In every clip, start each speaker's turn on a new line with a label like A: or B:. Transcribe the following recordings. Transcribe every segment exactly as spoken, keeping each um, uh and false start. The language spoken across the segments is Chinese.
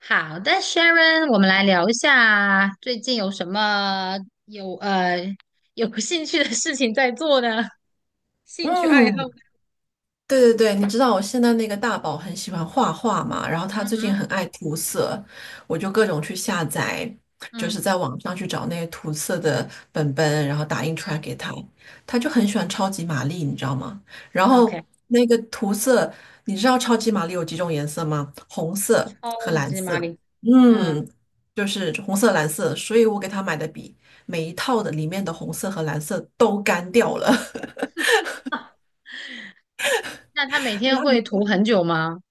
A: 好的，Sharon，我们来聊一下最近有什么有呃有兴趣的事情在做呢？兴趣爱好？
B: 嗯，对对对，你知道我现在那个大宝很喜欢画画嘛，然后他
A: 嗯
B: 最近
A: 哼，
B: 很爱涂色，我就各种去下载，就
A: 嗯
B: 是在网上去找那些涂色的本本，然后打印出来给他，他就很喜欢超级玛丽，你知道吗？然后
A: ，OK，
B: 那个涂色，你知道超级玛丽有几种颜色吗？红色和
A: 超
B: 蓝
A: 级玛
B: 色，
A: 丽，嗯，
B: 嗯，就是红色、蓝色，所以我给他买的笔，每一套的里面的红色和蓝色都干掉了。
A: 啊那他每天会 涂很久吗？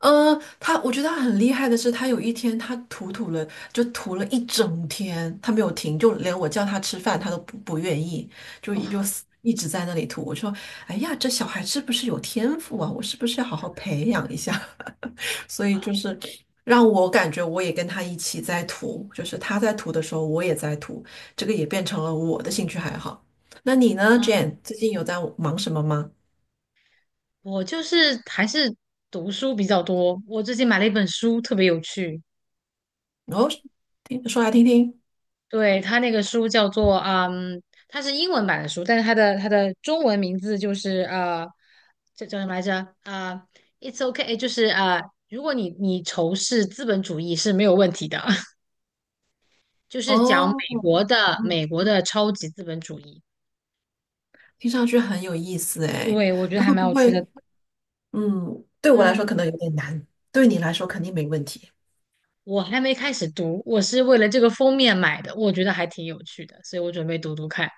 B: 嗯，他我觉得他很厉害的是，他有一天他涂涂了，就涂了一整天，他没有停，就连我叫他吃饭，他都不不愿意，就
A: 哦，
B: 就一直在那里涂。我说，哎呀，这小孩是不是有天赋啊？我是不是要好好培养一下？所以就是让我感觉我也跟他一起在涂，就是他在涂的时候，我也在涂，这个也变成了我的兴趣爱好。那你呢
A: 嗯，
B: ，Jane？最近有在忙什么吗？
A: 我就是还是读书比较多。我最近买了一本书，特别有趣，
B: 哦，听说来听听。
A: 对，他那个书叫做嗯，它是英文版的书，但是它的它的中文名字就是呃，这叫什么来着？啊、i t s o k 就是呃，如果你你仇视资本主义是没有问题的，就是讲
B: 哦，
A: 美国的
B: 嗯
A: 美国的超级资本主义。
B: 听上去很有意思哎，
A: 对，我觉得
B: 那
A: 还
B: 会
A: 蛮
B: 不
A: 有趣
B: 会，
A: 的。
B: 嗯，对我来说
A: 嗯，
B: 可能有点难，对你来说肯定没问题
A: 我还没开始读，我是为了这个封面买的，我觉得还挺有趣的，所以我准备读读看。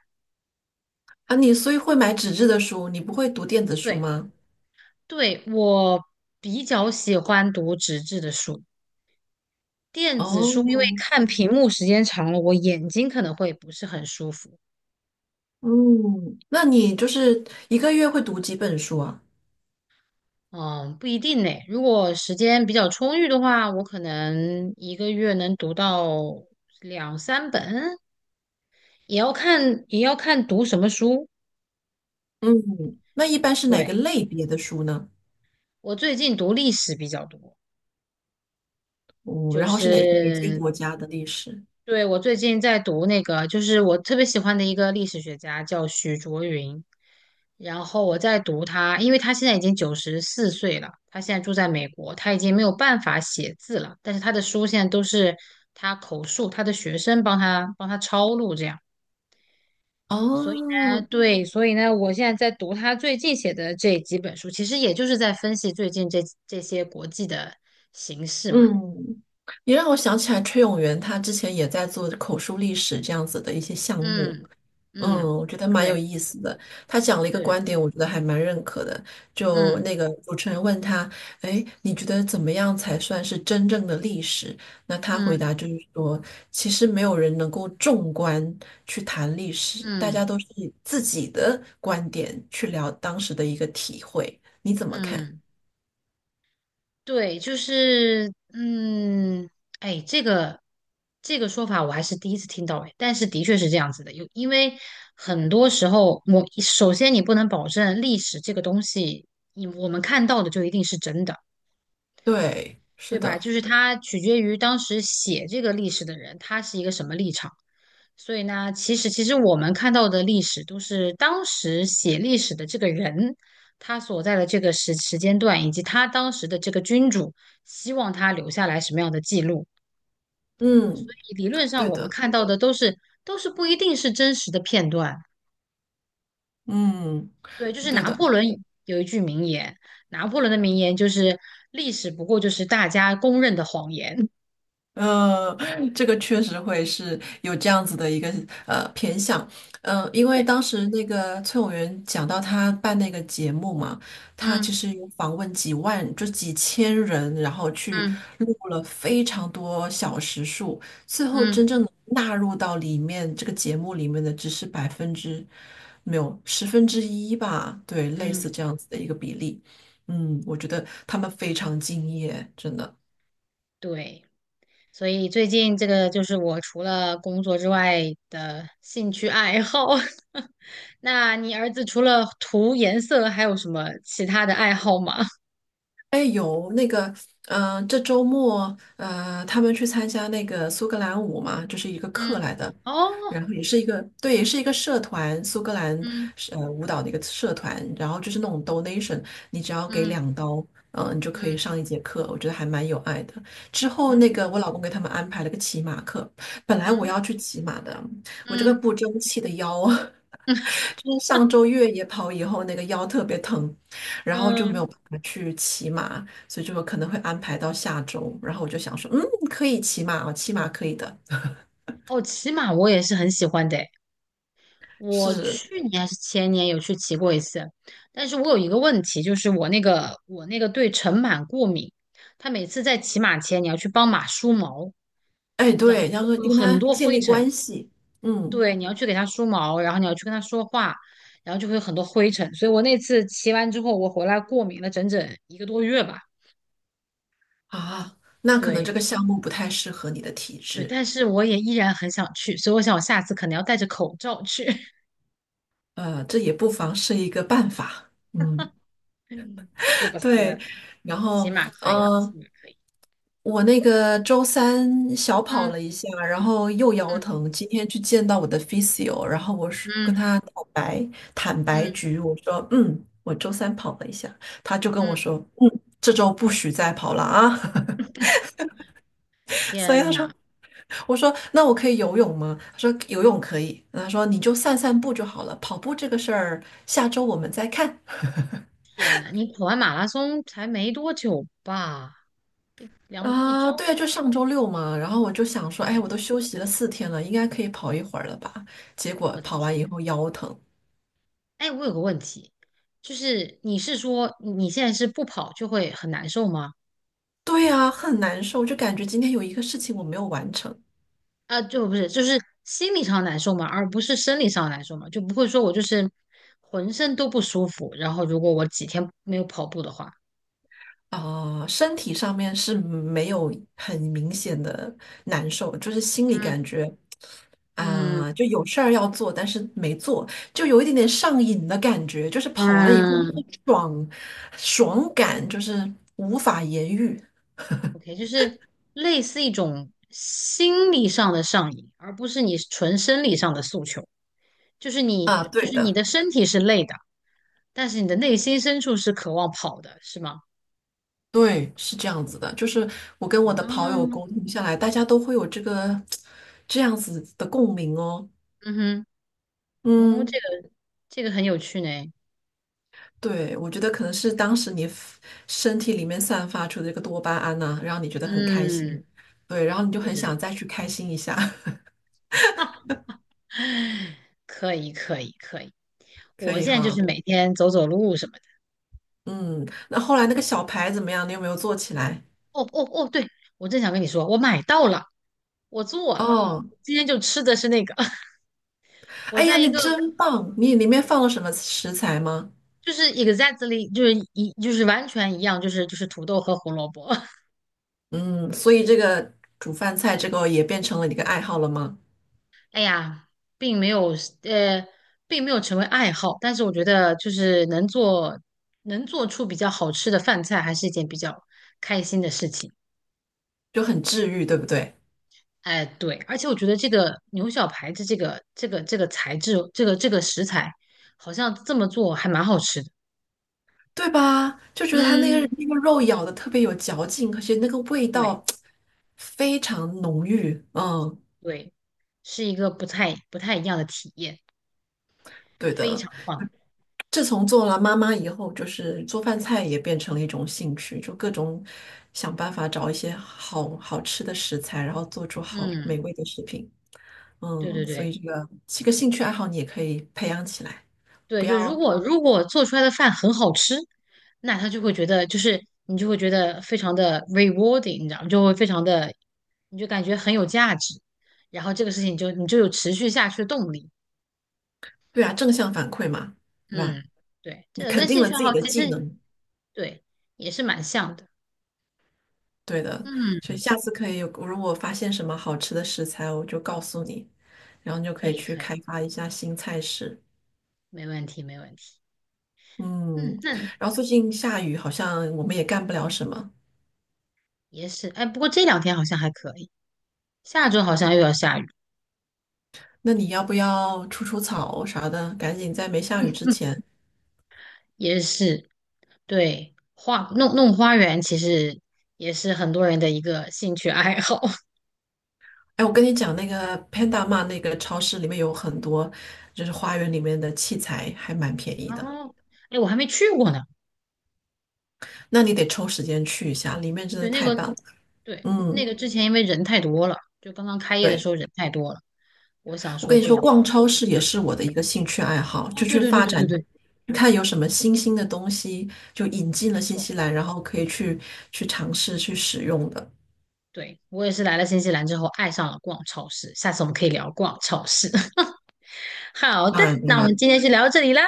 B: 啊。你所以会买纸质的书，你不会读电子书
A: 对，
B: 吗？
A: 对，我比较喜欢读纸质的书。电子
B: 哦，
A: 书因为看屏幕时间长了，我眼睛可能会不是很舒服。
B: 嗯，那你就是一个月会读几本书啊？
A: 嗯，不一定呢。如果时间比较充裕的话，我可能一个月能读到两三本，也要看也要看读什么书。
B: 嗯，那一般是哪
A: 对，
B: 个类别的书呢？
A: 我最近读历史比较多，
B: 哦，
A: 就
B: 然后是哪哪些
A: 是
B: 国家的历史？
A: 对，我最近在读那个，就是我特别喜欢的一个历史学家，叫许卓云。然后我在读他，因为他现在已经九十四岁了，他现在住在美国，他已经没有办法写字了，但是他的书现在都是他口述，他的学生帮他帮他抄录这样。所以
B: 哦，
A: 呢，对，所以呢，我现在在读他最近写的这几本书，其实也就是在分析最近这这些国际的形势嘛。
B: 嗯，你让我想起来崔永元他之前也在做口述历史这样子的一些项目。
A: 嗯
B: 嗯，
A: 嗯，
B: 我觉得蛮有
A: 对
B: 意思的。他讲了一个观
A: 对，
B: 点，我觉得还蛮认可的。就
A: 嗯
B: 那个主持人问他：“哎，你觉得怎么样才算是真正的历史？”那他回
A: 嗯。
B: 答就是说：“其实没有人能够纵观去谈历史，大家
A: 嗯
B: 都是以自己的观点去聊当时的一个体会。你怎么看？”
A: 嗯，对，就是嗯，哎，这个这个说法我还是第一次听到哎，但是的确是这样子的，有因为很多时候我首先你不能保证历史这个东西，你我们看到的就一定是真的，
B: 对，
A: 对
B: 是
A: 吧？
B: 的，
A: 就是它取决于当时写这个历史的人，他是一个什么立场。所以呢，其实其实我们看到的历史都是当时写历史的这个人，他所在的这个时时间段，以及他当时的这个君主希望他留下来什么样的记录。
B: 嗯，
A: 理论上，
B: 对
A: 我们
B: 的，
A: 看到的都是都是不一定是真实的片段。
B: 嗯，
A: 对，就是
B: 对
A: 拿
B: 的。
A: 破仑有一句名言，拿破仑的名言就是“历史不过就是大家公认的谎言”
B: 嗯，这个确实会是有这样子的一个呃偏向，嗯、因为
A: 对。
B: 当时那个崔永元讲到他办那个节目嘛，他
A: 嗯
B: 其实有访问几万，就几千人，然后去
A: 嗯
B: 录了非常多小时数，最后
A: 嗯
B: 真正地纳入到里面这个节目里面的只是百分之没有十分之一吧，对，类
A: 嗯，
B: 似这样子的一个比例，嗯，我觉得他们非常敬业，真的。
A: 对。所以最近这个就是我除了工作之外的兴趣爱好。那你儿子除了涂颜色，还有什么其他的爱好吗？
B: 哎，有那个，嗯、这周末，呃，他们去参加那个苏格兰舞嘛，就是一个课
A: 嗯，
B: 来的，
A: 哦，
B: 然后也是一个，对，也是一个社团，苏格兰
A: 嗯
B: 是呃舞蹈的一个社团，然后就是那种 donation，你只要给
A: 嗯
B: 两刀，嗯、你就可以
A: 嗯
B: 上一节课，我觉得还蛮有爱的。之后那
A: 嗯
B: 个我老公给他们安排了个骑马课，本来我
A: 嗯
B: 要去骑马的，我这个
A: 嗯，
B: 不争气的腰。就是上周越野跑以后，那个腰特别疼，然后就没
A: 嗯，
B: 有办法去骑马，所以就可能会安排到下周。然后我就想说，嗯，可以骑马哦，骑马可以的。
A: 哦，骑马我也是很喜欢的。我
B: 是，
A: 去年还是前年有去骑过一次，但是我有一个问题，就是我那个我那个对尘螨过敏，它每次在骑马前你要去帮马梳毛，
B: 哎，
A: 你知道
B: 对，要
A: 就
B: 说就
A: 会有
B: 跟
A: 很
B: 他
A: 多
B: 建
A: 灰
B: 立
A: 尘，
B: 关系，嗯，
A: 对，你要去给它梳毛，然后你要去跟它说话，然后就会有很多灰尘，所以我那次骑完之后，我回来过敏了整整一个多月吧，
B: 啊，那可能
A: 对
B: 这个项目不太适合你的体
A: 对，
B: 质，
A: 但是我也依然很想去，所以我想我下次可能要戴着口罩去，
B: 呃，这也不妨是一个办法，嗯，
A: 是不
B: 对。
A: 是？
B: 然
A: 骑
B: 后，
A: 马可以，
B: 嗯、
A: 骑马可以，
B: 我那个周三小跑
A: 嗯
B: 了一下，然后又腰疼。今天去见到我的 physio，然后我是跟
A: 嗯。
B: 他坦白坦白
A: 嗯
B: 局，我说嗯，我周三跑了一下，他就跟我
A: 嗯，
B: 说嗯，这周不许再跑了啊。所以
A: 天
B: 他说，
A: 呐
B: 我说那我可以游泳吗？他说游泳可以。他说你就散散步就好了，跑步这个事儿下周我们再看。
A: 天呐，你跑完马拉松才没多久吧？一两一周，
B: 啊，对，就上周六嘛，然后我就想
A: 我
B: 说，哎，
A: 的天，
B: 我都休息了四天了，应该可以跑一会儿了吧？结果
A: 我的
B: 跑完以
A: 天！
B: 后腰疼，
A: 哎，我有个问题，就是你是说你现在是不跑就会很难受吗？
B: 对呀，很难受，就感觉今天有一个事情我没有完成
A: 啊，就不是，就是心理上难受吗？而不是生理上难受吗？就不会说我就是浑身都不舒服，然后如果我几天没有跑步的话，
B: 啊，身体上面是没有很明显的难受，就是心里感
A: 嗯
B: 觉啊，
A: 嗯
B: 就有事儿要做，但是没做，就有一点点上瘾的感觉，就是跑完以后
A: 嗯
B: 那个爽爽感就是无法言喻
A: OK，就是类似一种心理上的上瘾，而不是你纯生理上的诉求。就是
B: 啊，
A: 你，就
B: 对
A: 是你
B: 的。
A: 的身体是累的，但是你的内心深处是渴望跑的，是吗？
B: 对，是这样子的，就是我跟我的跑友
A: 啊，
B: 沟通下来，大家都会有这个这样子的共鸣哦。
A: 嗯哼，哦，这
B: 嗯，
A: 个这个很有趣呢。
B: 对，我觉得可能是当时你 f- 身体里面散发出的这个多巴胺呐、让你觉得很开心，
A: 嗯，
B: 对，然后你就
A: 对对
B: 很想
A: 对，
B: 再去开心一下，
A: 可以可以可以。
B: 可
A: 我
B: 以
A: 现在就是
B: 哈。
A: 每天走走路什么的。
B: 嗯，那后来那个小牌怎么样？你有没有做起来？
A: 哦哦哦，对，我正想跟你说，我买到了，我做了，
B: 哦，
A: 今天就吃的是那个。我
B: 哎呀，
A: 在一
B: 你
A: 个
B: 真棒！你里面放了什么食材吗？
A: 就是 exactly 就是一就是完全一样，就是就是土豆和胡萝卜。
B: 嗯，所以这个煮饭菜这个也变成了你的爱好了吗？
A: 哎呀，并没有呃，并没有成为爱好，但是我觉得就是能做能做出比较好吃的饭菜，还是一件比较开心的事情。
B: 就很治愈，对不对？
A: 哎，对，而且我觉得这个牛小排的这个这个这个材质，这个这个食材，好像这么做还蛮好吃的。
B: 对吧？就觉得它那个
A: 嗯，
B: 那个肉咬的特别有嚼劲，而且那个味
A: 对
B: 道非常浓郁。嗯，
A: 对，是一个不太不太一样的体验，
B: 对
A: 非
B: 的。
A: 常棒。
B: 自从做了妈妈以后，就是做饭菜也变成了一种兴趣，就各种想办法找一些好好吃的食材，然后做出好
A: 嗯，
B: 美味的食品。
A: 对
B: 嗯，
A: 对
B: 所
A: 对。
B: 以这个这个兴趣爱好你也可以培养起来，不
A: 对，就如
B: 要，
A: 果如果做出来的饭很好吃，那他就会觉得，就是你就会觉得非常的 rewarding，你知道吗？就会非常的，你就感觉很有价值，然后这个事情就你就有持续下去的动力。
B: 对啊，正向反馈嘛，对吧？
A: 嗯，对，这
B: 你
A: 个
B: 肯
A: 跟
B: 定
A: 兴
B: 了
A: 趣爱
B: 自己
A: 好
B: 的
A: 其
B: 技
A: 实
B: 能。
A: 对也是蛮像的。
B: 对的，所
A: 嗯，
B: 以下次可以，如果发现什么好吃的食材，我就告诉你，然后你就
A: 可
B: 可以
A: 以
B: 去
A: 可以，
B: 开发一下新菜式。
A: 没问题没问题。嗯，
B: 嗯，
A: 那
B: 然后最近下雨，好像我们也干不了什么。
A: 也是，哎，不过这两天好像还可以，下周好像又要下雨，
B: 那你要不要除除草啥的？赶紧在没下雨之前。
A: 也是。对，花弄弄花园其实也是很多人的一个兴趣爱好。
B: 哎，我跟你讲，那个 Panda m 那个超市里面有很多，就是花园里面的器材还蛮便宜
A: 哦，
B: 的。
A: 后，哎，我还没去过呢。
B: 那你得抽时间去一下，里面真的
A: 对，那
B: 太
A: 个，
B: 棒了。
A: 对，那
B: 嗯，
A: 个之前因为人太多了，就刚刚开业的时
B: 对。
A: 候人太多了，我想
B: 我
A: 说
B: 跟你
A: 就，
B: 说，
A: 哦，
B: 逛超市也是我的一个兴趣爱好，就
A: 对
B: 去
A: 对对
B: 发
A: 对对
B: 展，
A: 对，
B: 去看有什么新兴的东西，就引进
A: 没
B: 了新
A: 错，
B: 西兰，然后可以去去尝试去使用的。
A: 对，我也是来了新西兰之后爱上了逛超市。下次我们可以聊逛超市。好的，
B: 当然，当
A: 那我们
B: 然，
A: 今天就聊到这里啦。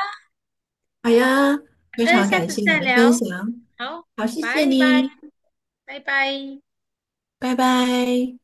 B: 好呀，
A: 好
B: 非
A: 的，
B: 常
A: 下
B: 感
A: 次
B: 谢你
A: 再
B: 的分
A: 聊。
B: 享，
A: 好，
B: 好，谢谢
A: 拜拜，
B: 你，
A: 拜拜。
B: 拜拜。